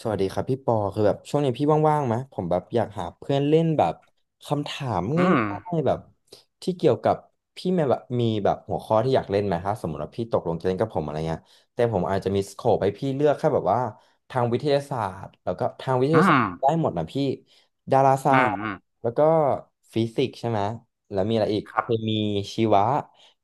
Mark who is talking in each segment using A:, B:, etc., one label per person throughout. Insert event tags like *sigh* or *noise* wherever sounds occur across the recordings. A: สวัสดีครับพี่ปอคือแบบช่วงนี้พี่ว่างๆไหมผมแบบอยากหาเพื่อนเล่นแบบคำถามง
B: อืม
A: ่ายๆแบบที่เกี่ยวกับพี่แม่แบบมีแบบหัวข้อที่อยากเล่นไหมถ้าสมมติว่าพี่ตกลงจะเล่นกับผมอะไรเงี้ยแต่ผมอาจจะมีสโคปให้พี่เลือกแค่แบบว่าทางวิทยาศาสตร์แล้วก็ทางวิท
B: อื
A: ยาศาสตร์ได้
B: ม
A: หมดนะพี่ดาราศา
B: อืม
A: สต
B: อื
A: ร์
B: ม
A: แล้วก็ฟิสิกส์ใช่ไหมแล้วมีอะไรอีก
B: ครั
A: เค
B: บ
A: มีชีวะ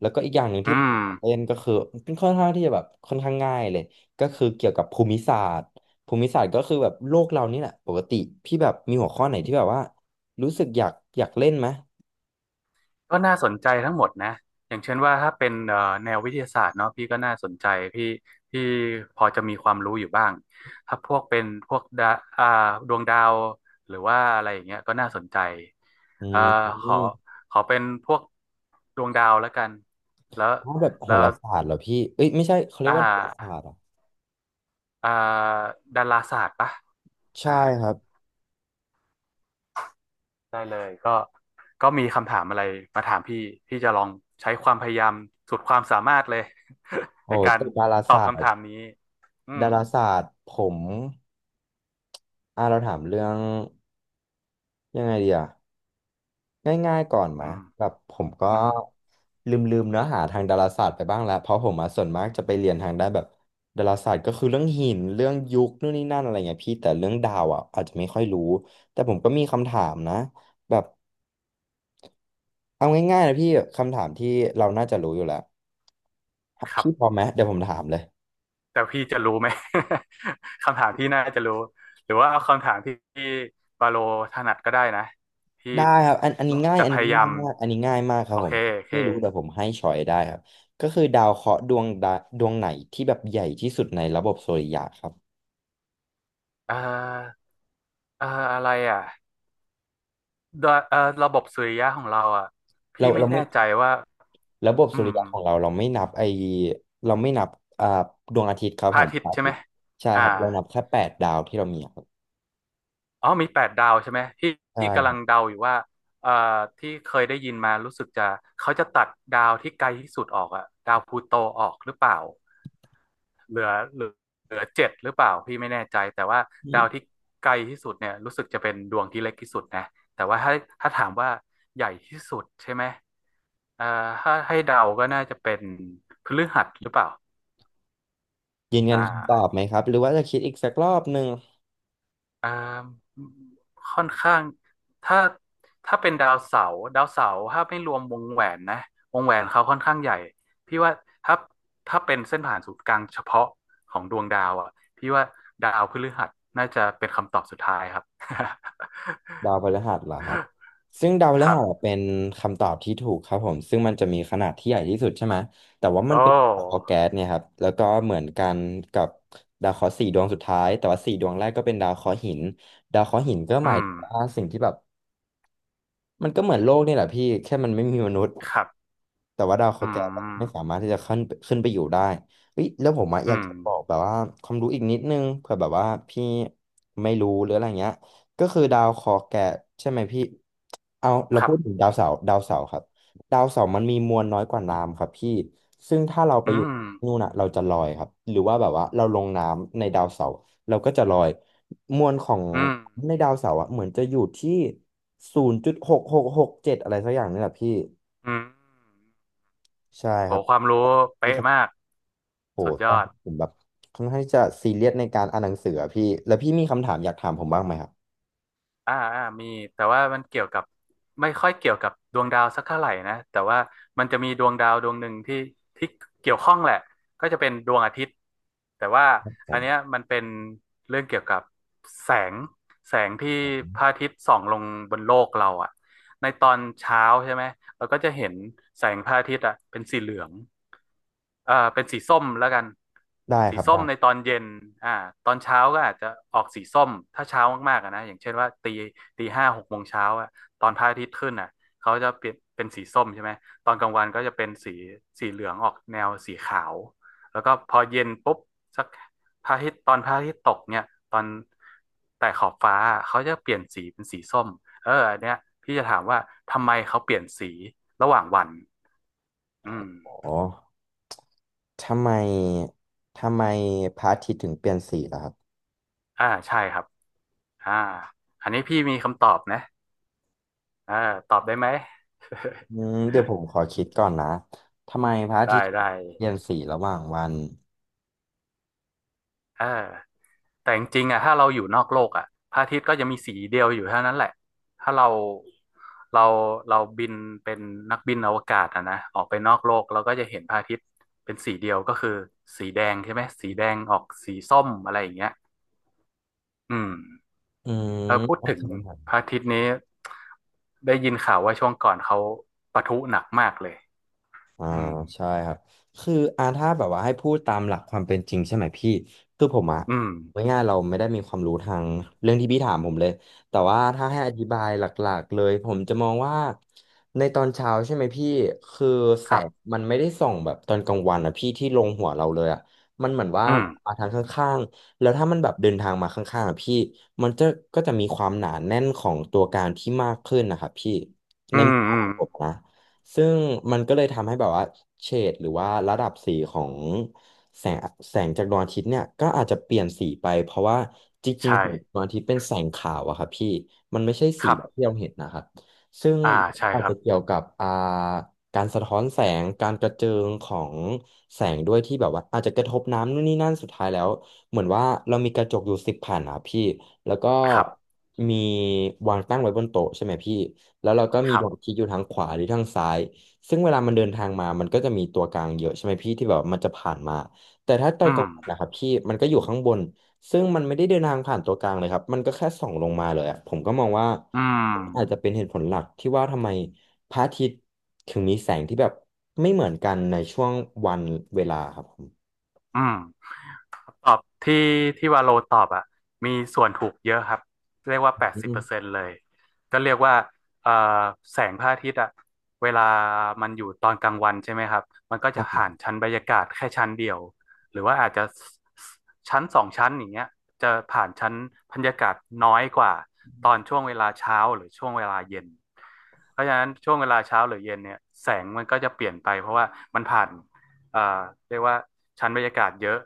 A: แล้วก็อีกอย่างหนึ่ง
B: อื
A: ที่ผม
B: ม
A: เล่นก็คือเป็นค่อนข้างที่จะแบบค่อนข้างง่ายเลยก็คือเกี่ยวกับภูมิศาสตร์ ภูมิศาสตร์ก็คือแบบโลกเรานี่แหละปกติพี่แบบมีหัวข้อไหนที่แบบว่ารู้สึกอยากเล่นไหม
B: ก็น่าสนใจทั้งหมดนะ อย่างเช่นว่าถ้าเป็นแนววิทยาศาสตร์เนาะพี่ก็น่าสนใจพี่พี่พอจะมีความรู้อยู่บ้างถ้าพวกเป็นพวกอ่าดวงดาวหรือว่าอะไรอย่างเงี้ยก็น่าสนใจ
A: อื
B: เอ่อ
A: ม
B: ขอขอเป็นพวกดวงดาวแล้วกัน แล้ว
A: ถ้าแบบโห
B: แล้ว
A: ราศาสตร์เหรอพี่เอ้ยไม่ใช่เขาเรีย
B: อ่
A: กว่าดาราศาสต
B: า
A: ร์เหรอ
B: อ่าดาราศาสตร์ปะอ่า
A: ใช่ครับ
B: ได้เลยก็มีคำถามอะไรมาถามพี่พี่จะลองใช้ความพยายามสุดความสามารถเลย *laughs*
A: โอ้
B: ในการ
A: ตึกดารา
B: ตอ
A: ศา
B: บ
A: ส
B: คำ
A: ต
B: ถา
A: ร์
B: มนี้อืม
A: ดาราศาสตร์ผมเราถามเรื่องยังไงดีอะ ง่ายๆก่อนมา
B: อืม
A: แบบผมก็
B: อืม
A: ลืมๆเนื้อหาทางดาราศาสตร์ไปบ้างแล้วเพราะผมมาส่วนมากจะไปเรียนทางด้านแบบดาราศาสตร์ก็คือเรื่องหินเรื่องยุคนู่นนี่นั่นอะไรเงี้ยพี่แต่เรื่องดาวอ่ะอาจจะไม่ค่อยรู้แต่ผมก็มีคำถามนะแบบเอาง่ายๆนะพี่คำถามที่เราน่าจะรู้อยู่แล้ว
B: ครั
A: พี่พร้อ
B: บ
A: มไหมเดี๋ยวผมถามเลย
B: แต่พี่จะรู้ไหม *laughs* คำถามที่น่าจะรู้หรือว่าเอาคำถามที่บาโลถนัดก็ได้นะพี่
A: ได้ครับอันนี้ง่าย
B: จะ
A: อัน
B: พ
A: นี้
B: ยา
A: ง่า
B: ยา
A: ย
B: ม
A: มากอันนี้ง่ายมากครั
B: โอ
A: บผ
B: เค
A: ม
B: โอเค
A: ไม่รู้แต่ผมให้ชอยได้ครับก็คือดาวเคราะห์ดวงใดดวงไหนที่แบบใหญ่ที่สุดในระบบสุริยะครับ
B: เอ่อเอ่ออะไรอ่ะดวเอ่อระบบสุริยะของเราอ่ะ
A: เรา
B: พี่ไม่
A: เราไม่
B: แน่ใจว่า
A: ระบบ
B: อื
A: สุริ
B: ม
A: ยะของเราเราไม่นับไอเราไม่นับอ่าดวงอาทิตย์ครับ
B: พ
A: ผ
B: ระ
A: ม
B: อาทิต
A: พระ
B: ย์
A: อา
B: ใช่
A: ทิ
B: ไหม
A: ตย์ใช่ค
B: อ่า
A: รับเรานับแค่8 ดาวที่เรามีครับ
B: อ๋อมีแปดดาวใช่ไหมที่
A: ใช่
B: ที่กำ
A: ค
B: ลั
A: รั
B: ง
A: บ
B: เดาอยู่ว่าเอ่อที่เคยได้ยินมารู้สึกจะเขาจะตัดดาวที่ไกลที่สุดออกอะดาวพลูโตออกหรือเปล่าเหลือเหลือเหลือเจ็ดหรือเปล่าพี่ไม่แน่ใจแต่ว่า
A: อื
B: ดา
A: ม
B: วที่ไกลที่สุดเนี่ยรู้สึกจะเป็นดวงที่เล็กที่สุดนะแต่ว่าถ้าถามว่าใหญ่ที่สุดใช่ไหมเอ่อถ้าให้เดาก็น่าจะเป็นพฤหัสหรือเปล่า
A: ยืนยั
B: อ่
A: นคำตอบ
B: า
A: ไหมครับหรือว่าจะคิดอีกสักรอบหนึ่ง
B: อ่าค่อนข้างถ้าถ้าเป็นดาวเสาร์ถ้าไม่รวมวงแหวนนะวงแหวนเขาค่อนข้างใหญ่พี่ว่าถ้าถ้าเป็นเส้นผ่านศูนย์กลางเฉพาะของดวงดาวอ่ะพี่ว่าดาวพฤหัสน่าจะเป็นคำตอบสุดท้ายครับ
A: ดาวพฤหัสเหรอครับซึ่งดาวพ
B: *laughs* ค
A: ฤ
B: รับ
A: หัสเป็นคำตอบที่ถูกครับผมซึ่งมันจะมีขนาดที่ใหญ่ที่สุดใช่ไหมแต่ว่ามั
B: โอ
A: นเป็นดาวเคราะ
B: ้
A: ห์แก๊สเนี่ยครับแล้วก็เหมือนกันกับดาวเคราะห์4 ดวงสุดท้ายแต่ว่า4 ดวงแรกก็เป็นดาวเคราะห์หินดาวเคราะห์หินก็หมา
B: อื
A: ย
B: ม
A: ถึงว่าสิ่งที่แบบมันก็เหมือนโลกนี่แหละพี่แค่มันไม่มีมนุษย์
B: ครับ
A: แต่ว่าดาวเค
B: อื
A: ราะห์แก้วไม่สา
B: ม
A: มารถที่จะขึ้นไปอยู่ได้เฮ้ยแล้วผมอะอยา
B: อื
A: ก
B: ม
A: จะบอกแบบว่าความรู้อีกนิดนึงเผื่อแบบว่าพี่ไม่รู้หรืออะไรเงี้ยก็คือดาวเคราะห์แก้ใช่ไหมพี่เอาเรา
B: ครั
A: พูดถึ
B: บ
A: งดาวเสาร์ดาวเสาร์ครับดาวเสาร์มันมีมวลน้อยกว่าน้ำครับพี่ซึ่งถ้าเราไป
B: อื
A: อยู่
B: ม
A: นู่นน่ะเราจะลอยครับหรือว่าแบบว่าเราลงน้ำในดาวเสาร์เราก็จะลอยมวลของ
B: อืม
A: ในดาวเสาร์อะเหมือนจะอยู่ที่0.6667อะไรสักอย่างนี่แหละพี่
B: อืม
A: ใช่
B: โห
A: ครับ
B: ความรู้
A: พี่
B: เป๊ะ
A: ครั
B: มา
A: บ
B: ก
A: โห
B: สุดย
A: ตอ
B: อ
A: น
B: ด
A: นี้ผมแบบค่อนข้างที่จะซีเรียสในการอ่านหนังสืออะพี่แล้วพี่มีคำถามอยากถามผมบ้างไหมครับ
B: มีแต่ว่ามันเกี่ยวกับไม่ค่อยเกี่ยวกับดวงดาวสักเท่าไหร่นะแต่ว่ามันจะมีดวงดาวดวงหนึ่งที่เกี่ยวข้องแหละก็จะเป็นดวงอาทิตย์แต่ว่า
A: ผ
B: อัน
A: ม
B: เนี้ยมันเป็นเรื่องเกี่ยวกับแสงแสงที่
A: ผม
B: พระอาทิตย์ส่องลงบนโลกเราอ่ะในตอนเช้าใช่ไหมเราก็จะเห็นแสงพระอาทิตย์อ่ะเป็นสีเหลือง เป็นสีส้มแล้วกัน
A: ได้
B: สี
A: ครับ
B: ส้มใน
A: ได้
B: ตอนเย็นอ่าตอนเช้าก็อาจจะออกสีส้มถ้าเช้ามากๆอะนะอย่างเช่นว่าตีห้าหกโมงเช้าอะตอนพระอาทิตย์ขึ้นอะเขาจะเปลี่ยนเป็นสีส้มใช่ไหมตอนกลางวันก็จะเป็นสีเหลืองออกแนวสีขาวแล้วก็พอเย็นปุ๊บสักพระอาทิตย์ตอนพระอาทิตย์ตกเนี่ยตอนแต่ขอบฟ้าเขาจะเปลี่ยนสีเป็นสีส้มเอออันเนี้ยพี่จะถามว่าทำไมเขาเปลี่ยนสีระหว่างวันอืม
A: อ๋อทำไมทำไมพระอาทิตย์ถึงเปลี่ยนสีล่ะครับ
B: ใช่ครับ อ่าอันนี้พี่มีคำตอบนะเอ่าตอบได้ไหม *laughs*
A: เดี๋ยวผมขอคิดก่อนนะทำไมพระอาทิ
B: ได้
A: ตย์ถึง
B: ได้
A: เปลี่ยนสีระหว่างวัน
B: เออแต่จริงๆอ่ะถ้าเราอยู่นอกโลกอ่ะพระอาทิตย์ก็จะมีสีเดียวอยู่เท่านั้นแหละถ้าเราเราบินเป็นนักบินอวกาศอ่ะนะออกไปนอกโลกเราก็จะเห็นพระอาทิตย์เป็นสีเดียวก็คือสีแดงใช่ไหมสีแดงออกสีส้มอะไรอย่างเงี้ยอืม
A: อืม
B: เออพูด
A: โอ
B: ถึ
A: เค
B: งพระอาทิตย์นี้ได้ยินข่าวว่าช่วงก่อนเขาปะทุหนักมากเลย
A: อ่า
B: อืม
A: ใช่ครับคือถ้าแบบว่าให้พูดตามหลักความเป็นจริงใช่ไหมพี่คือผมอะ
B: อืม
A: ง่ายๆเราไม่ได้มีความรู้ทางเรื่องที่พี่ถามผมเลยแต่ว่าถ้าให้อธิบายหลักๆเลยผมจะมองว่าในตอนเช้าใช่ไหมพี่คือแส
B: ครับ
A: งมันไม่ได้ส่องแบบตอนกลางวันอะพี่ที่ลงหัวเราเลยอะมันเหมือนว่า
B: อืม
A: มาทางข้างๆแล้วถ้ามันแบบเดินทางมาข้างๆอะพี่มันจะก็จะมีความหนาแน่นของตัวการที่มากขึ้นนะครับพี่
B: อื
A: ในมุ
B: ม
A: มข
B: อื
A: อ
B: ม
A: งผมนะ ซึ่งมันก็เลยทำให้แบบว่าเฉดหรือว่าระดับสีของแสงแสงจากดวงอาทิตย์เนี่ยก็อาจจะเปลี่ยนสีไปเพราะว่าจริง
B: ใช่
A: ๆแสงดวงอาทิตย์เป็นแสงขาวอะครับพี่มันไม่ใช่
B: ค
A: สี
B: รั
A: แบบ
B: บ
A: ที่เราเห็นนะครับซึ่ง
B: อ่า ใช่
A: อา
B: ค
A: จ
B: รั
A: จะ
B: บ
A: เกี่ยวกับการสะท้อนแสงการกระเจิงของแสงด้วยที่แบบว่าอาจจะกระทบน้ำนู่นนี่นั่นสุดท้ายแล้วเหมือนว่าเรามีกระจกอยู่10 แผ่นอะพี่แล้วก็
B: ครับ
A: มีวางตั้งไว้บนโต๊ะใช่ไหมพี่ แล้วเราก็มี
B: ครั
A: ดอก
B: บ
A: คิกอยู่ทางขวาหรือทางซ้ายซึ่งเวลามันเดินทางมามันก็จะมีตัวกลางเยอะใช่ไหมพี่ที่แบบมันจะผ่านมาแต่ถ้าตอ
B: อื
A: นกลางวันนะ
B: ม
A: ครับพี่มันก็อยู่ข้างบนซึ่งมันไม่ได้เดินทางผ่านตัวกลางเลยครับมันก็แค่ส่องลงมาเลยอะผมก็มองว่า
B: อื
A: อาจจะ
B: ม
A: เป็นเหตุผลหลักที่ว่าทำไมพระอาทิตย์ถึงมีแสงที่แบบไม่เหมือนกันในช่วงวันเวลาครับผม
B: อืม ตอบที่ที่วาโลตอบอ่ะมีส่วนถูกเยอะครับเรียกว่าแปดสิ
A: อื
B: บเปอร์เซ็
A: ม
B: นต์เลยก็เรียกว่าเอ่อแสงพระอาทิตย์อ่ะเวลามันอยู่ตอนกลางวันใช่ไหมครับมันก็
A: ครั
B: จะ
A: บผ
B: ผ่าน
A: ม
B: ชั้นบรรยากาศแค่ชั้นเดียวหรือว่าอาจจะชั้นสองชั้นอย่างเงี้ยจะผ่านชั้นบรรยากาศน้อยกว่าตอนช่วงเวลาเช้าหรือช่วงเวลาเย็นเพราะฉะนั้นช่วงเวลาเช้าหรือเย็นเนี่ยแสงมันก็จะเปลี่ยนไปเพราะว่ามันผ่าน อ่าเรียกว่าชั้นบรรยากาศเยอะ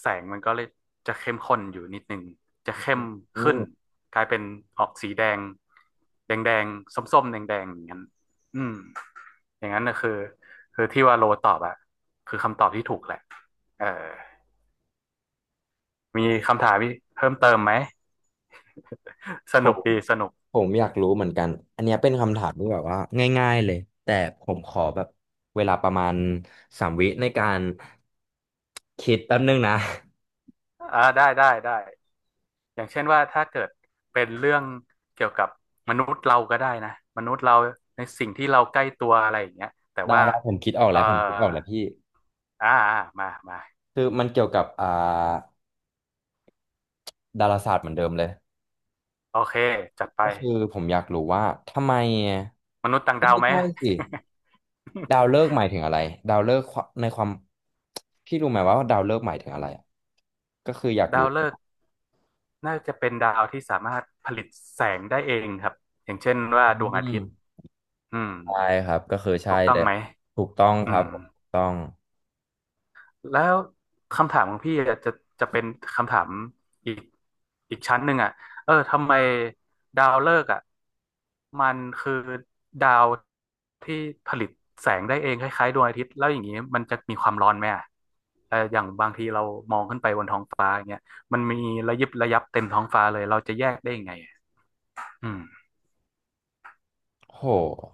B: แสงมันก็เลยจะเข้มข้นอยู่นิดหนึ่งจะเข้ม
A: อื
B: ขึ้น
A: ม
B: กลายเป็นออกสีแดงแดงแดงส้มๆแดงแดงอย่างนั้นอืมอย่างนั้นนะคือที่ว่าโลตอบอะคือคำตอบที่ถูกแหละเออมีคำถามีเพิ่มเติมไหม *laughs* ส
A: ผ
B: นุก
A: ม
B: ดีสนุก
A: ผมอยากรู้เหมือนกันอันเนี้ยเป็นคำถามที่แบบว่าง่ายๆเลยแต่ผมขอแบบเวลาประมาณ3 วิในการคิดแป๊บนึงนะ
B: ได้ได้ได้ อย่างเช่นว่าถ้าเกิดเป็นเรื่องเกี่ยวกับมนุษย์เราก็ได้นะมนุษย์เราในสิ่งที่เราใกล้ตัวอะไรอย่างเงี้ยแต่
A: *laughs* ได้
B: ว่า
A: ได้ผมคิดออก
B: เอ่อ
A: แล้วผมคิดออกแล้วพี่
B: มามา
A: คือมันเกี่ยวกับดาราศาสตร์เหมือนเดิมเลย
B: โอเคจัดไป
A: ก็คือผมอยากรู้ว่าทำไม
B: มนุษย์ต่าง
A: เอ้ย
B: ดาว
A: ไม่
B: ไหม
A: ใช่สิดาวฤกษ์หมายถึงอะไรดาวฤกษ์ควในความพี่รู้ไหมว่าดาวฤกษ์หมายถึงอะไรอะก็คืออยาก
B: *laughs* ดา
A: รู้
B: วฤกษ์น่าจะเป็นดาวที่สามารถผลิตแสงได้เองครับอย่างเช่นว่า
A: อื
B: ดวงอาทิตย์
A: ม
B: อืม
A: ใช่ครับก็คือใช่
B: ถูกต้อ
A: เล
B: ง
A: ย
B: ไหม
A: ถูกต้อง
B: อื
A: ครับ
B: ม
A: ถูกต้อง
B: แล้วคำถามของพี่อะจะเป็นคำถามอีกอีกชั้นหนึ่งอ่ะเออทำไมดาวฤกษ์อ่ะมันคือดาวที่ผลิตแสงได้เองคล้ายๆดวงอาทิตย์แล้วอย่างนี้มันจะมีความร้อนไหมอ่ะเอออย่างบางทีเรามองขึ้นไปบนท้องฟ้าอย่างเงี้ยมันมีระยิบระยับเต็มท้องฟ้าเลยเราจะแยกได้ยังไงอะอืม
A: โห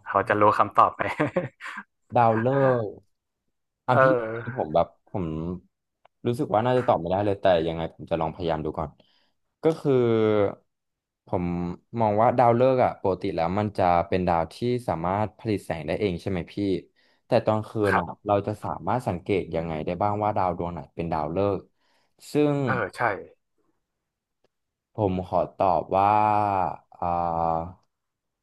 B: เราจะรู้คำตอบไหม
A: ดาวฤกษ์อ่ะ
B: *laughs* เอ
A: พี่
B: อ
A: ผมแบบผมรู้สึกว่าน่าจะตอบไม่ได้เลยแต่ยังไงผมจะลองพยายามดูก่อนก็คือผมมองว่าดาวฤกษ์อ่ะปกติแล้วมันจะเป็นดาวที่สามารถผลิตแสงได้เองใช่ไหมพี่แต่ตอนคืน
B: ครั
A: อ่ะ
B: บ
A: เราจะสามารถสังเกตยังไงได้บ้างว่าดาวดวงไหนเป็นดาวฤกษ์ซึ่ง
B: เออใช่
A: ผมขอตอบว่าอ่า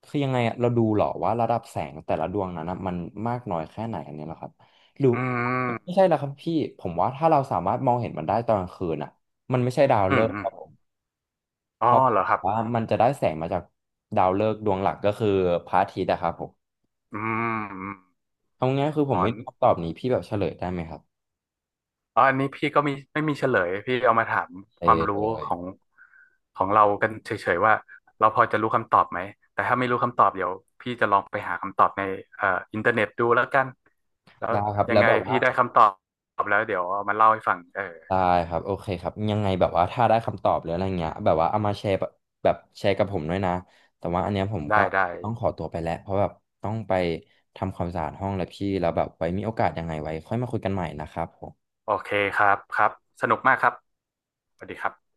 A: คือยังไงอะเราดูเหรอว่าระดับแสงแต่ละดวงนั้นนะมันมากน้อยแค่ไหนอันนี้เหรอครับหรือ
B: อื
A: ไม่
B: ม
A: ใช่แล้วครับพี่ผมว่าถ้าเราสามารถมองเห็นมันได้ตอนกลางคืนอ่ะมันไม่ใช่ดาว
B: อื
A: ฤ
B: ม
A: กษ์
B: อื
A: ค
B: ม
A: รับผมเพ
B: อ๋อ
A: ราะ
B: เหรอครับ
A: ว่ามันจะได้แสงมาจากดาวฤกษ์ดวงหลักก็คือพระอาทิตย์อะครับผม
B: อืม
A: เอาง่ายๆคือผ
B: อ๋อ
A: มไม่รู้คำตอบนี้พี่แบบเฉลยได้ไหมครับ
B: อ๋ออันนี้พี่ก็มีไม่มีเฉลยพี่เอามาถาม
A: เอ
B: ค
A: อ
B: วามรู้
A: เล
B: ข
A: ย
B: องของเรากันเฉยๆว่าเราพอจะรู้คำตอบไหมแต่ถ้าไม่รู้คำตอบเดี๋ยวพี่จะลองไปหาคำตอบในเอ่ออินเทอร์เน็ตดูแล้วกันแล้ว
A: ได้ครับ
B: ยั
A: แล้
B: ง
A: ว
B: ไง
A: แบบ
B: พี่
A: ว่า
B: ได้คำตอบแล้วเดี๋ยวเอามาเล่าให้ฟังเออ
A: ได้ครับโอเคครับยังไงแบบว่าถ้าได้คำตอบหรืออะไรเงี้ยแบบว่าเอามาแชร์แบบแชร์กับผมด้วยนะแต่ว่าอันเนี้ยผมก็
B: ได้ได้
A: ต้องขอตัวไปแล้วเพราะแบบต้องไปทำความสะอาดห้องแล้วพี่แล้วแบบไว้มีโอกาสยังไงไว้ค่อยมาคุยกันใหม่นะครับผม
B: โอเคครับครับสนุกมากครับสวัสดีครับ